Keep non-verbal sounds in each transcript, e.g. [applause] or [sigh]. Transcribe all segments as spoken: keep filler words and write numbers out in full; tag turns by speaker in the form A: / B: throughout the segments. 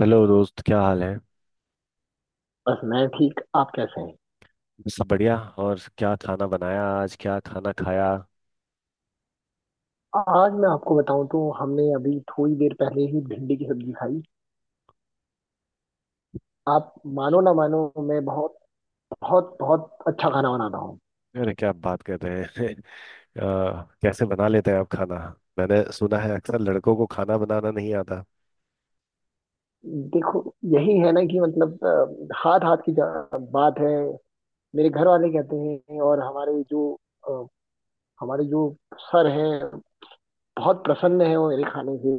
A: Hello दोस्त, क्या हाल है।
B: बस मैं ठीक। आप कैसे हैं?
A: सब बढ़िया। और क्या खाना बनाया, आज क्या खाना खाया।
B: आज मैं आपको बताऊं तो हमने अभी थोड़ी देर पहले ही भिंडी की सब्जी खाई। आप मानो ना मानो, मैं बहुत बहुत बहुत अच्छा खाना बनाता हूँ।
A: अरे क्या बात कर रहे हैं। [laughs] अ, कैसे बना लेते हैं आप खाना। मैंने सुना है अक्सर लड़कों को खाना बनाना नहीं आता।
B: देखो, यही है ना कि मतलब अ, हाथ हाथ की जा- बात है। मेरे घर वाले कहते हैं। और हमारे जो अ, हमारे जो सर हैं, बहुत प्रसन्न है वो मेरे खाने से।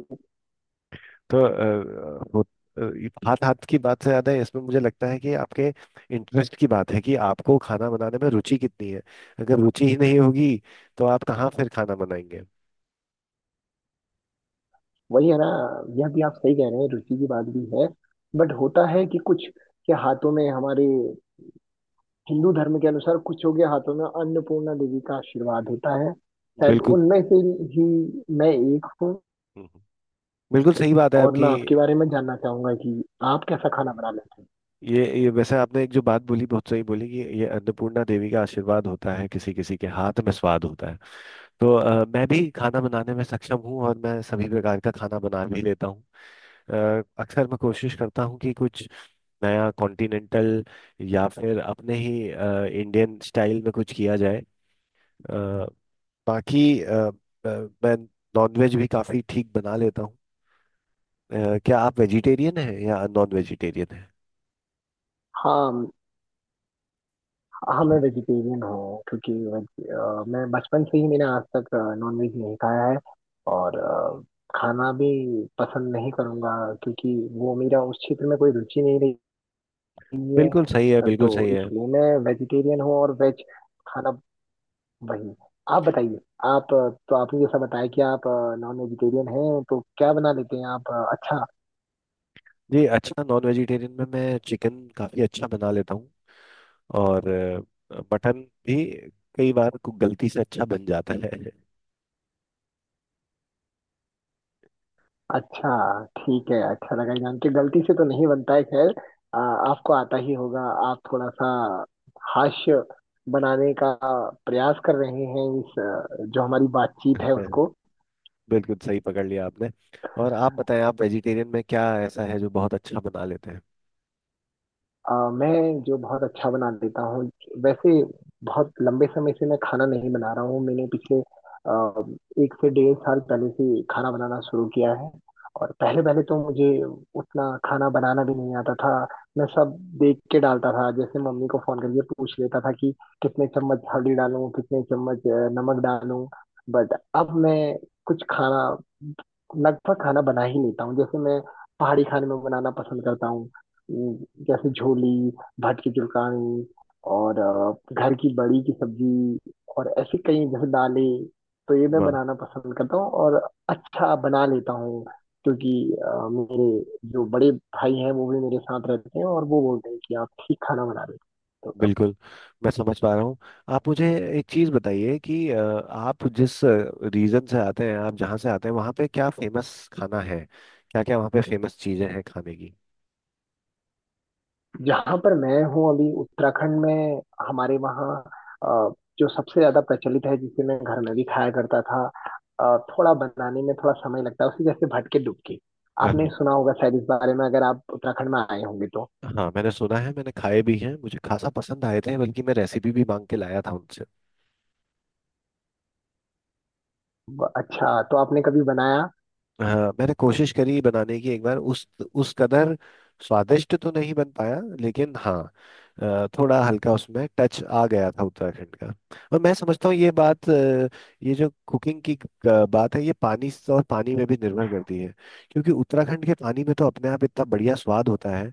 A: तो अ, वो अ, हाथ हाथ की बात से ज्यादा इसमें मुझे लगता है कि आपके इंटरेस्ट की बात है कि आपको खाना बनाने में रुचि कितनी है। अगर रुचि ही नहीं होगी तो आप कहाँ फिर खाना बनाएंगे।
B: वही है ना, यह भी आप सही कह रहे हैं, रुचि की बात भी है। बट होता है कि कुछ के हाथों में, हमारे हिंदू धर्म के अनुसार, कुछ योग्य हाथों में अन्नपूर्णा देवी का आशीर्वाद होता है। शायद
A: बिल्कुल।
B: उनमें से ही मैं एक हूँ।
A: बिल्कुल सही बात है
B: और
A: आपकी।
B: मैं आपके बारे में जानना चाहूंगा कि आप कैसा खाना बना लेते हैं।
A: ये ये वैसे आपने एक जो बात बोली बहुत सही बोली कि ये अन्नपूर्णा देवी का आशीर्वाद होता है, किसी किसी के हाथ में स्वाद होता है। तो अ, मैं भी खाना बनाने में सक्षम हूँ और मैं सभी प्रकार का खाना बना भी लेता हूँ। अ, अक्सर मैं कोशिश करता हूँ कि कुछ नया कॉन्टिनेंटल या फिर अपने ही अ, इंडियन स्टाइल में कुछ किया जाए। अ, बाकी अ, अ, मैं नॉनवेज भी काफ़ी ठीक बना लेता हूँ। अ, क्या आप वेजिटेरियन हैं या नॉन वेजिटेरियन हैं।
B: हाँ, हाँ मैं वेजिटेरियन हूँ क्योंकि वेज- अ, मैं बचपन से ही मैंने आज तक नॉनवेज नहीं खाया है। और अ, खाना भी पसंद नहीं करूँगा, क्योंकि वो मेरा उस क्षेत्र में कोई रुचि नहीं रही
A: बिल्कुल सही है,
B: है।
A: बिल्कुल
B: तो
A: सही है।
B: इसलिए मैं वेजिटेरियन हूँ और वेज खाना वही। आप बताइए, आप तो आपने जैसा बताया कि आप नॉन वेजिटेरियन हैं, तो क्या बना लेते हैं आप अच्छा?
A: जी अच्छा, नॉन वेजिटेरियन में मैं चिकन काफ़ी अच्छा बना लेता हूँ। और अ, मटन भी कई बार कु- गलती से अच्छा बन जाता है।
B: अच्छा, ठीक है, अच्छा लगा ये जान के। गलती से तो नहीं बनता है, खैर आ, आपको आता ही होगा। आप थोड़ा सा हास्य बनाने का प्रयास कर रहे हैं इस अ, जो हमारी बातचीत है
A: [laughs]
B: उसको।
A: बिल्कुल सही पकड़ लिया आपने। और आप बताएं, आप वेजिटेरियन में क्या ऐसा है जो बहुत अच्छा बना लेते हैं।
B: अ, मैं जो बहुत अच्छा बना देता हूँ, वैसे बहुत लंबे समय से मैं खाना नहीं बना रहा हूँ। मैंने पिछले अ, एक से डेढ़ साल पहले से खाना बनाना शुरू किया है। और पहले पहले तो मुझे उतना खाना बनाना भी नहीं आता था। मैं सब देख के डालता था, जैसे मम्मी को फोन करके पूछ लेता था कि कितने चम्मच हल्दी डालूं, कितने चम्मच अ, नमक डालूं। बट अब मैं कुछ खाना लगभग खाना बना ही लेता हूँ। जैसे मैं पहाड़ी खाने में बनाना पसंद करता हूँ, उम, जैसे झोली, भट की चुलकानी और अ, घर की बड़ी की सब्जी, और ऐसी कई जैसे दालें। तो ये मैं
A: वाह।
B: बनाना पसंद करता हूँ और अच्छा बना लेता हूँ। क्योंकि अ, मेरे जो बड़े भाई हैं वो भी मेरे साथ रहते हैं और वो बोलते हैं कि आप ठीक खाना बना रहे हो।
A: बिल्कुल, मैं समझ पा रहा हूँ। आप मुझे एक चीज़ बताइए कि अ, आप जिस रीजन से आते हैं, आप जहाँ से आते हैं वहाँ पे क्या फेमस खाना है। क्या क्या वहाँ पे फेमस चीज़ें हैं खाने की।
B: जहां पर मैं हूँ अभी उत्तराखंड में, हमारे वहाँ अ, जो सबसे ज्यादा प्रचलित है, जिसे मैं घर में भी खाया करता था, अ, थोड़ा बनाने में थोड़ा समय लगता है उसी, जैसे भटके डुबकी।
A: [laughs]
B: आपने
A: हाँ।
B: सुना होगा शायद इस बारे में, अगर आप उत्तराखंड में आए होंगे तो।
A: हाँ, मैंने सुना है, मैंने खाए भी हैं। मुझे खासा पसंद आए थे, बल्कि मैं रेसिपी भी मांग के लाया था।
B: ब- अच्छा, तो आपने कभी बनाया?
A: हाँ, मैंने कोशिश करी बनाने की एक बार। उस उस कदर स्वादिष्ट तो नहीं बन पाया, लेकिन हाँ, अ, थोड़ा हल्का उसमें टच आ गया था उत्तराखंड का। और मैं समझता हूँ ये बात अ, ये जो कुकिंग की अ, बात है, ये पानी से और पानी में भी निर्भर करती है। क्योंकि उत्तराखंड के पानी में तो अपने आप इतना बढ़िया स्वाद होता है,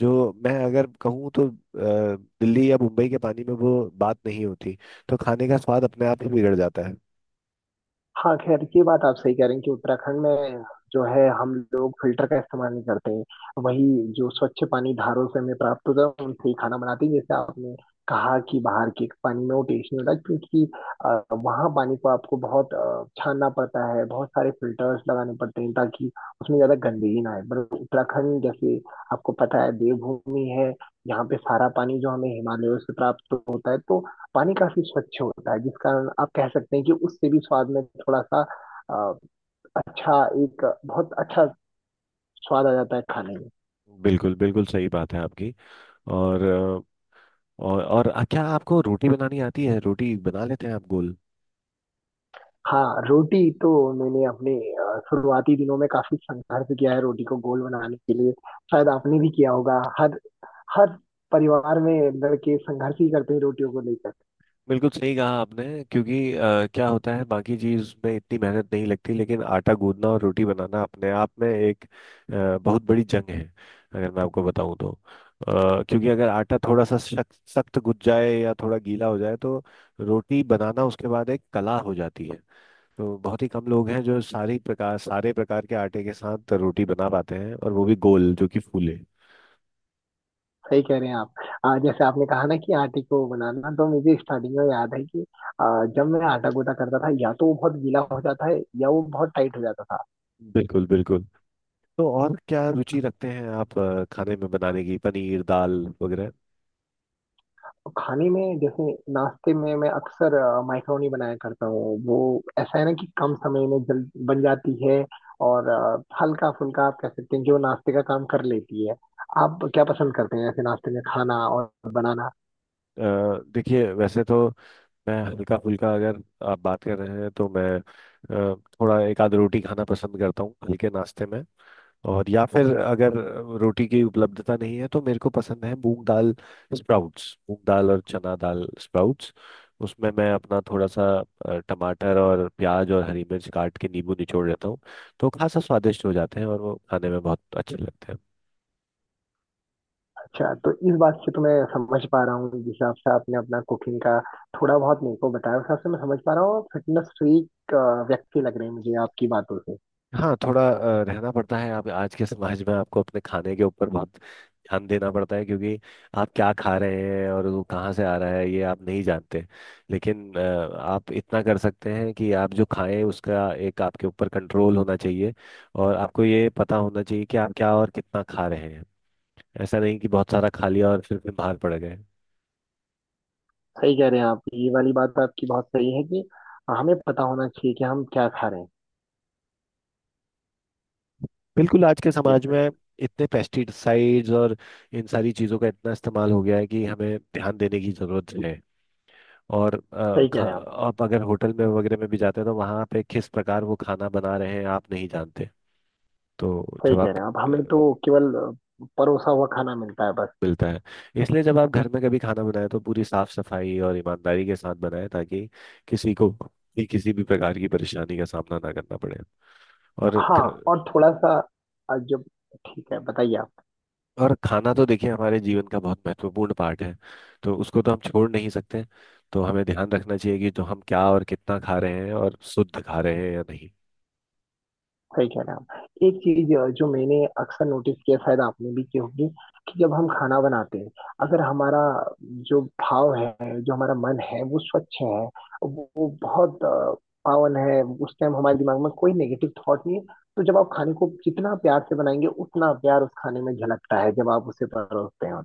A: जो मैं अगर कहूँ तो अ, दिल्ली या मुंबई के पानी में वो बात नहीं होती। तो खाने का स्वाद अपने आप ही बिगड़ जाता है।
B: हाँ, खैर ये बात आप सही कह रहे हैं कि उत्तराखंड में जो है, हम लोग फिल्टर का इस्तेमाल नहीं करते। वही जो स्वच्छ पानी धारों से हमें प्राप्त होता है उनसे ही खाना बनाते हैं। जैसे आपने कहा कि बाहर के पानी में वो टेस्ट नहीं होता, क्योंकि अ, वहाँ पानी को आपको बहुत अ, छानना पड़ता है, बहुत सारे फिल्टर्स लगाने पड़ते हैं ताकि उसमें ज्यादा गंदगी ना आए। पर उत्तराखंड, जैसे आपको पता है, देवभूमि है। यहाँ पे सारा पानी जो हमें हिमालयों से प्राप्त होता है, तो पानी काफी स्वच्छ होता है, जिस कारण आप कह सकते हैं कि उससे भी स्वाद में थोड़ा सा अ, अच्छा, एक बहुत अच्छा स्वाद आ जाता है खाने में।
A: बिल्कुल, बिल्कुल सही बात है आपकी। और और और आ, क्या आपको रोटी बनानी आती है, रोटी बना लेते हैं आप गोल।
B: हाँ रोटी तो, मैंने अपने अ, शुरुआती दिनों में काफी संघर्ष किया है रोटी को गोल बनाने के लिए। शायद आपने भी किया होगा, हर हर परिवार में लड़के संघर्ष ही करते हैं रोटियों को लेकर।
A: बिल्कुल सही कहा आपने। क्योंकि अ, क्या होता है, बाकी चीज में इतनी मेहनत नहीं लगती, लेकिन आटा गूंदना और रोटी बनाना अपने आप में एक अ, बहुत बड़ी जंग है, अगर मैं आपको बताऊं तो। अ, क्योंकि अगर आटा थोड़ा सा सख्त सख्त गुज जाए या थोड़ा गीला हो जाए तो रोटी बनाना उसके बाद एक कला हो जाती है। तो बहुत ही कम लोग हैं जो सारी प्रकार सारे प्रकार के आटे के साथ रोटी बना पाते हैं, और वो भी गोल जो कि फूले।
B: सही कह रहे हैं आप। अ, जैसे आपने कहा ना कि आटे को बनाना, तो मुझे स्टार्टिंग में याद है कि अ, जब मैं आटा गोटा करता था, या तो वो बहुत गीला हो जाता है या वो बहुत टाइट हो जाता था।
A: बिल्कुल, बिल्कुल। तो और क्या रुचि रखते हैं आप अ, खाने में बनाने की, पनीर दाल वगैरह।
B: तो खाने में, जैसे नाश्ते में मैं अक्सर अ, माइक्रोनी बनाया करता हूँ। वो ऐसा है ना कि कम समय में जल्द बन जाती है, और अ, हल्का फुल्का आप कह सकते हैं, जो नाश्ते का काम कर लेती है। आप क्या पसंद करते हैं ऐसे नाश्ते में खाना और बनाना?
A: अ, देखिए, वैसे तो मैं हल्का फुल्का, अगर आप बात कर रहे हैं तो मैं अ, थोड़ा एक आध रोटी खाना पसंद करता हूँ हल्के नाश्ते में। और या फिर अगर रोटी की उपलब्धता नहीं है तो मेरे को पसंद है मूंग दाल स्प्राउट्स, मूंग दाल और चना दाल स्प्राउट्स। उसमें मैं अपना थोड़ा सा अ, टमाटर और प्याज और हरी मिर्च काट के नींबू निचोड़ लेता हूँ। तो खासा स्वादिष्ट हो जाते हैं और वो खाने में बहुत अच्छे लगते हैं।
B: अच्छा, तो इस बात से तो मैं समझ पा रहा हूँ, जिस हिसाब से आपने अपना कुकिंग का थोड़ा बहुत मेरे को बताया, उस हिसाब से मैं समझ पा रहा हूँ फिटनेस फ्रीक व्यक्ति लग रहे हैं मुझे आपकी बातों से।
A: हाँ, थोड़ा अ, रहना पड़ता है। आप आज के समाज में आपको अपने खाने के ऊपर बहुत ध्यान देना पड़ता है। क्योंकि आप क्या खा रहे हैं और वो कहाँ से आ रहा है, ये आप नहीं जानते। लेकिन अ, आप इतना कर सकते हैं कि आप जो खाएं उसका एक आपके ऊपर कंट्रोल होना चाहिए। और आपको ये पता होना चाहिए कि आप क्या और कितना खा रहे हैं। ऐसा नहीं कि बहुत सारा खा लिया और फिर बीमार पड़ गए।
B: सही कह रहे हैं आप, ये वाली बात तो आपकी बहुत सही है कि हमें पता होना चाहिए कि हम क्या खा रहे
A: बिल्कुल। आज के समाज
B: हैं।
A: में इतने पेस्टिसाइड्स और इन सारी चीज़ों का इतना इस्तेमाल हो गया है कि हमें ध्यान देने की जरूरत है। और अ,
B: सही कह
A: खा,
B: रहे हैं आप।
A: आप अगर होटल में वगैरह में भी जाते हैं तो वहाँ पे किस प्रकार वो खाना बना रहे हैं आप नहीं जानते। तो
B: सही
A: जब
B: कह
A: आप
B: रहे हैं आप,
A: अ,
B: हमें तो केवल अ, परोसा हुआ खाना मिलता है बस।
A: मिलता है। इसलिए जब आप घर में कभी खाना बनाए तो पूरी साफ सफाई और ईमानदारी के साथ बनाए ताकि किसी को भी किसी भी प्रकार की परेशानी का सामना ना करना पड़े। और ख,
B: हाँ, और थोड़ा सा अ, जब, ठीक है बताइए आप।
A: और खाना तो देखिए हमारे जीवन का बहुत महत्वपूर्ण पार्ट है, तो उसको तो हम छोड़ नहीं सकते। तो हमें ध्यान रखना चाहिए कि जो हम क्या और कितना खा रहे हैं और शुद्ध खा रहे हैं या नहीं।
B: सही कह रहे हैं आप। एक चीज अ, जो मैंने अक्सर नोटिस किया, शायद आपने भी की होगी, कि जब हम खाना बनाते हैं, अगर हमारा जो भाव है, जो हमारा मन है, वो स्वच्छ है, वो, वो बहुत अ, पावन है, उस टाइम हमारे दिमाग में कोई नेगेटिव थॉट नहीं है, तो जब आप खाने को जितना प्यार से बनाएंगे, उतना प्यार उस खाने में झलकता है जब आप उसे परोसते हैं।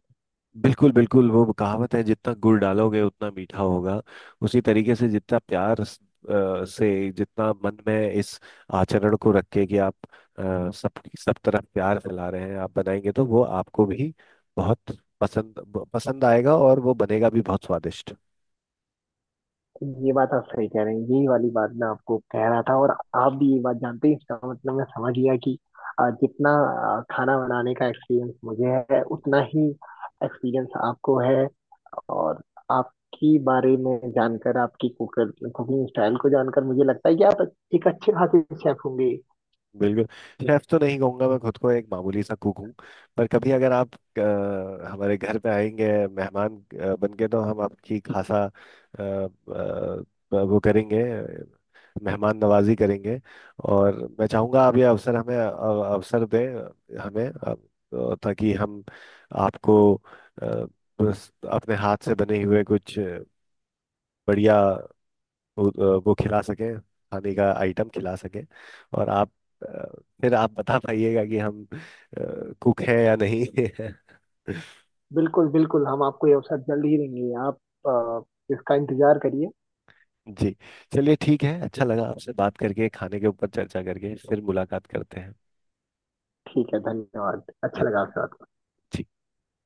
A: बिल्कुल, बिल्कुल। वो कहावत है, जितना गुड़ डालोगे उतना मीठा होगा। उसी तरीके से जितना प्यार स- अ, से, जितना मन में इस आचरण को रख के कि आप अ, सब सब तरफ प्यार फैला रहे हैं, आप बनाएंगे तो वो आपको भी बहुत पसंद पसंद आएगा और वो बनेगा भी बहुत स्वादिष्ट।
B: ये बात आप सही कह रहे हैं, यही वाली बात मैं आपको कह रहा था। और आप भी ये बात जानते हैं, इसका मतलब मैं समझ गया कि अ, जितना अ, खाना बनाने का एक्सपीरियंस मुझे है, उतना ही एक्सपीरियंस आपको है। और आपकी बारे में जानकर, आपकी कुकर कुकिंग स्टाइल को जानकर, मुझे लगता है कि आप एक अच्छे खासे शेफ होंगे।
A: बिल्कुल। शेफ तो नहीं कहूंगा, मैं खुद को एक मामूली सा कुक हूँ। पर कभी अगर आप अ, हमारे घर पे आएंगे मेहमान अ, बन के तो हम आपकी खासा अ, अ, वो करेंगे, मेहमान नवाजी करेंगे। और मैं चाहूंगा आप ये अवसर हमें अ, अवसर दें हमें, अ, ताकि हम आपको अ, बस अपने हाथ से बने हुए कुछ बढ़िया वो वो खिला सकें, खाने का आइटम खिला सकें। और आप अ, फिर आप बता पाइएगा कि हम कुक हैं या नहीं। [laughs]
B: बिल्कुल बिल्कुल, हम आपको ये अवसर जल्द ही देंगे। आप अ, इसका इंतजार करिए।
A: जी, चलिए ठीक है। अच्छा लगा आपसे बात करके, खाने के ऊपर चर्चा करके। फिर मुलाकात करते
B: ठीक है, धन्यवाद,
A: हैं।
B: अच्छा लगा आपसे बात।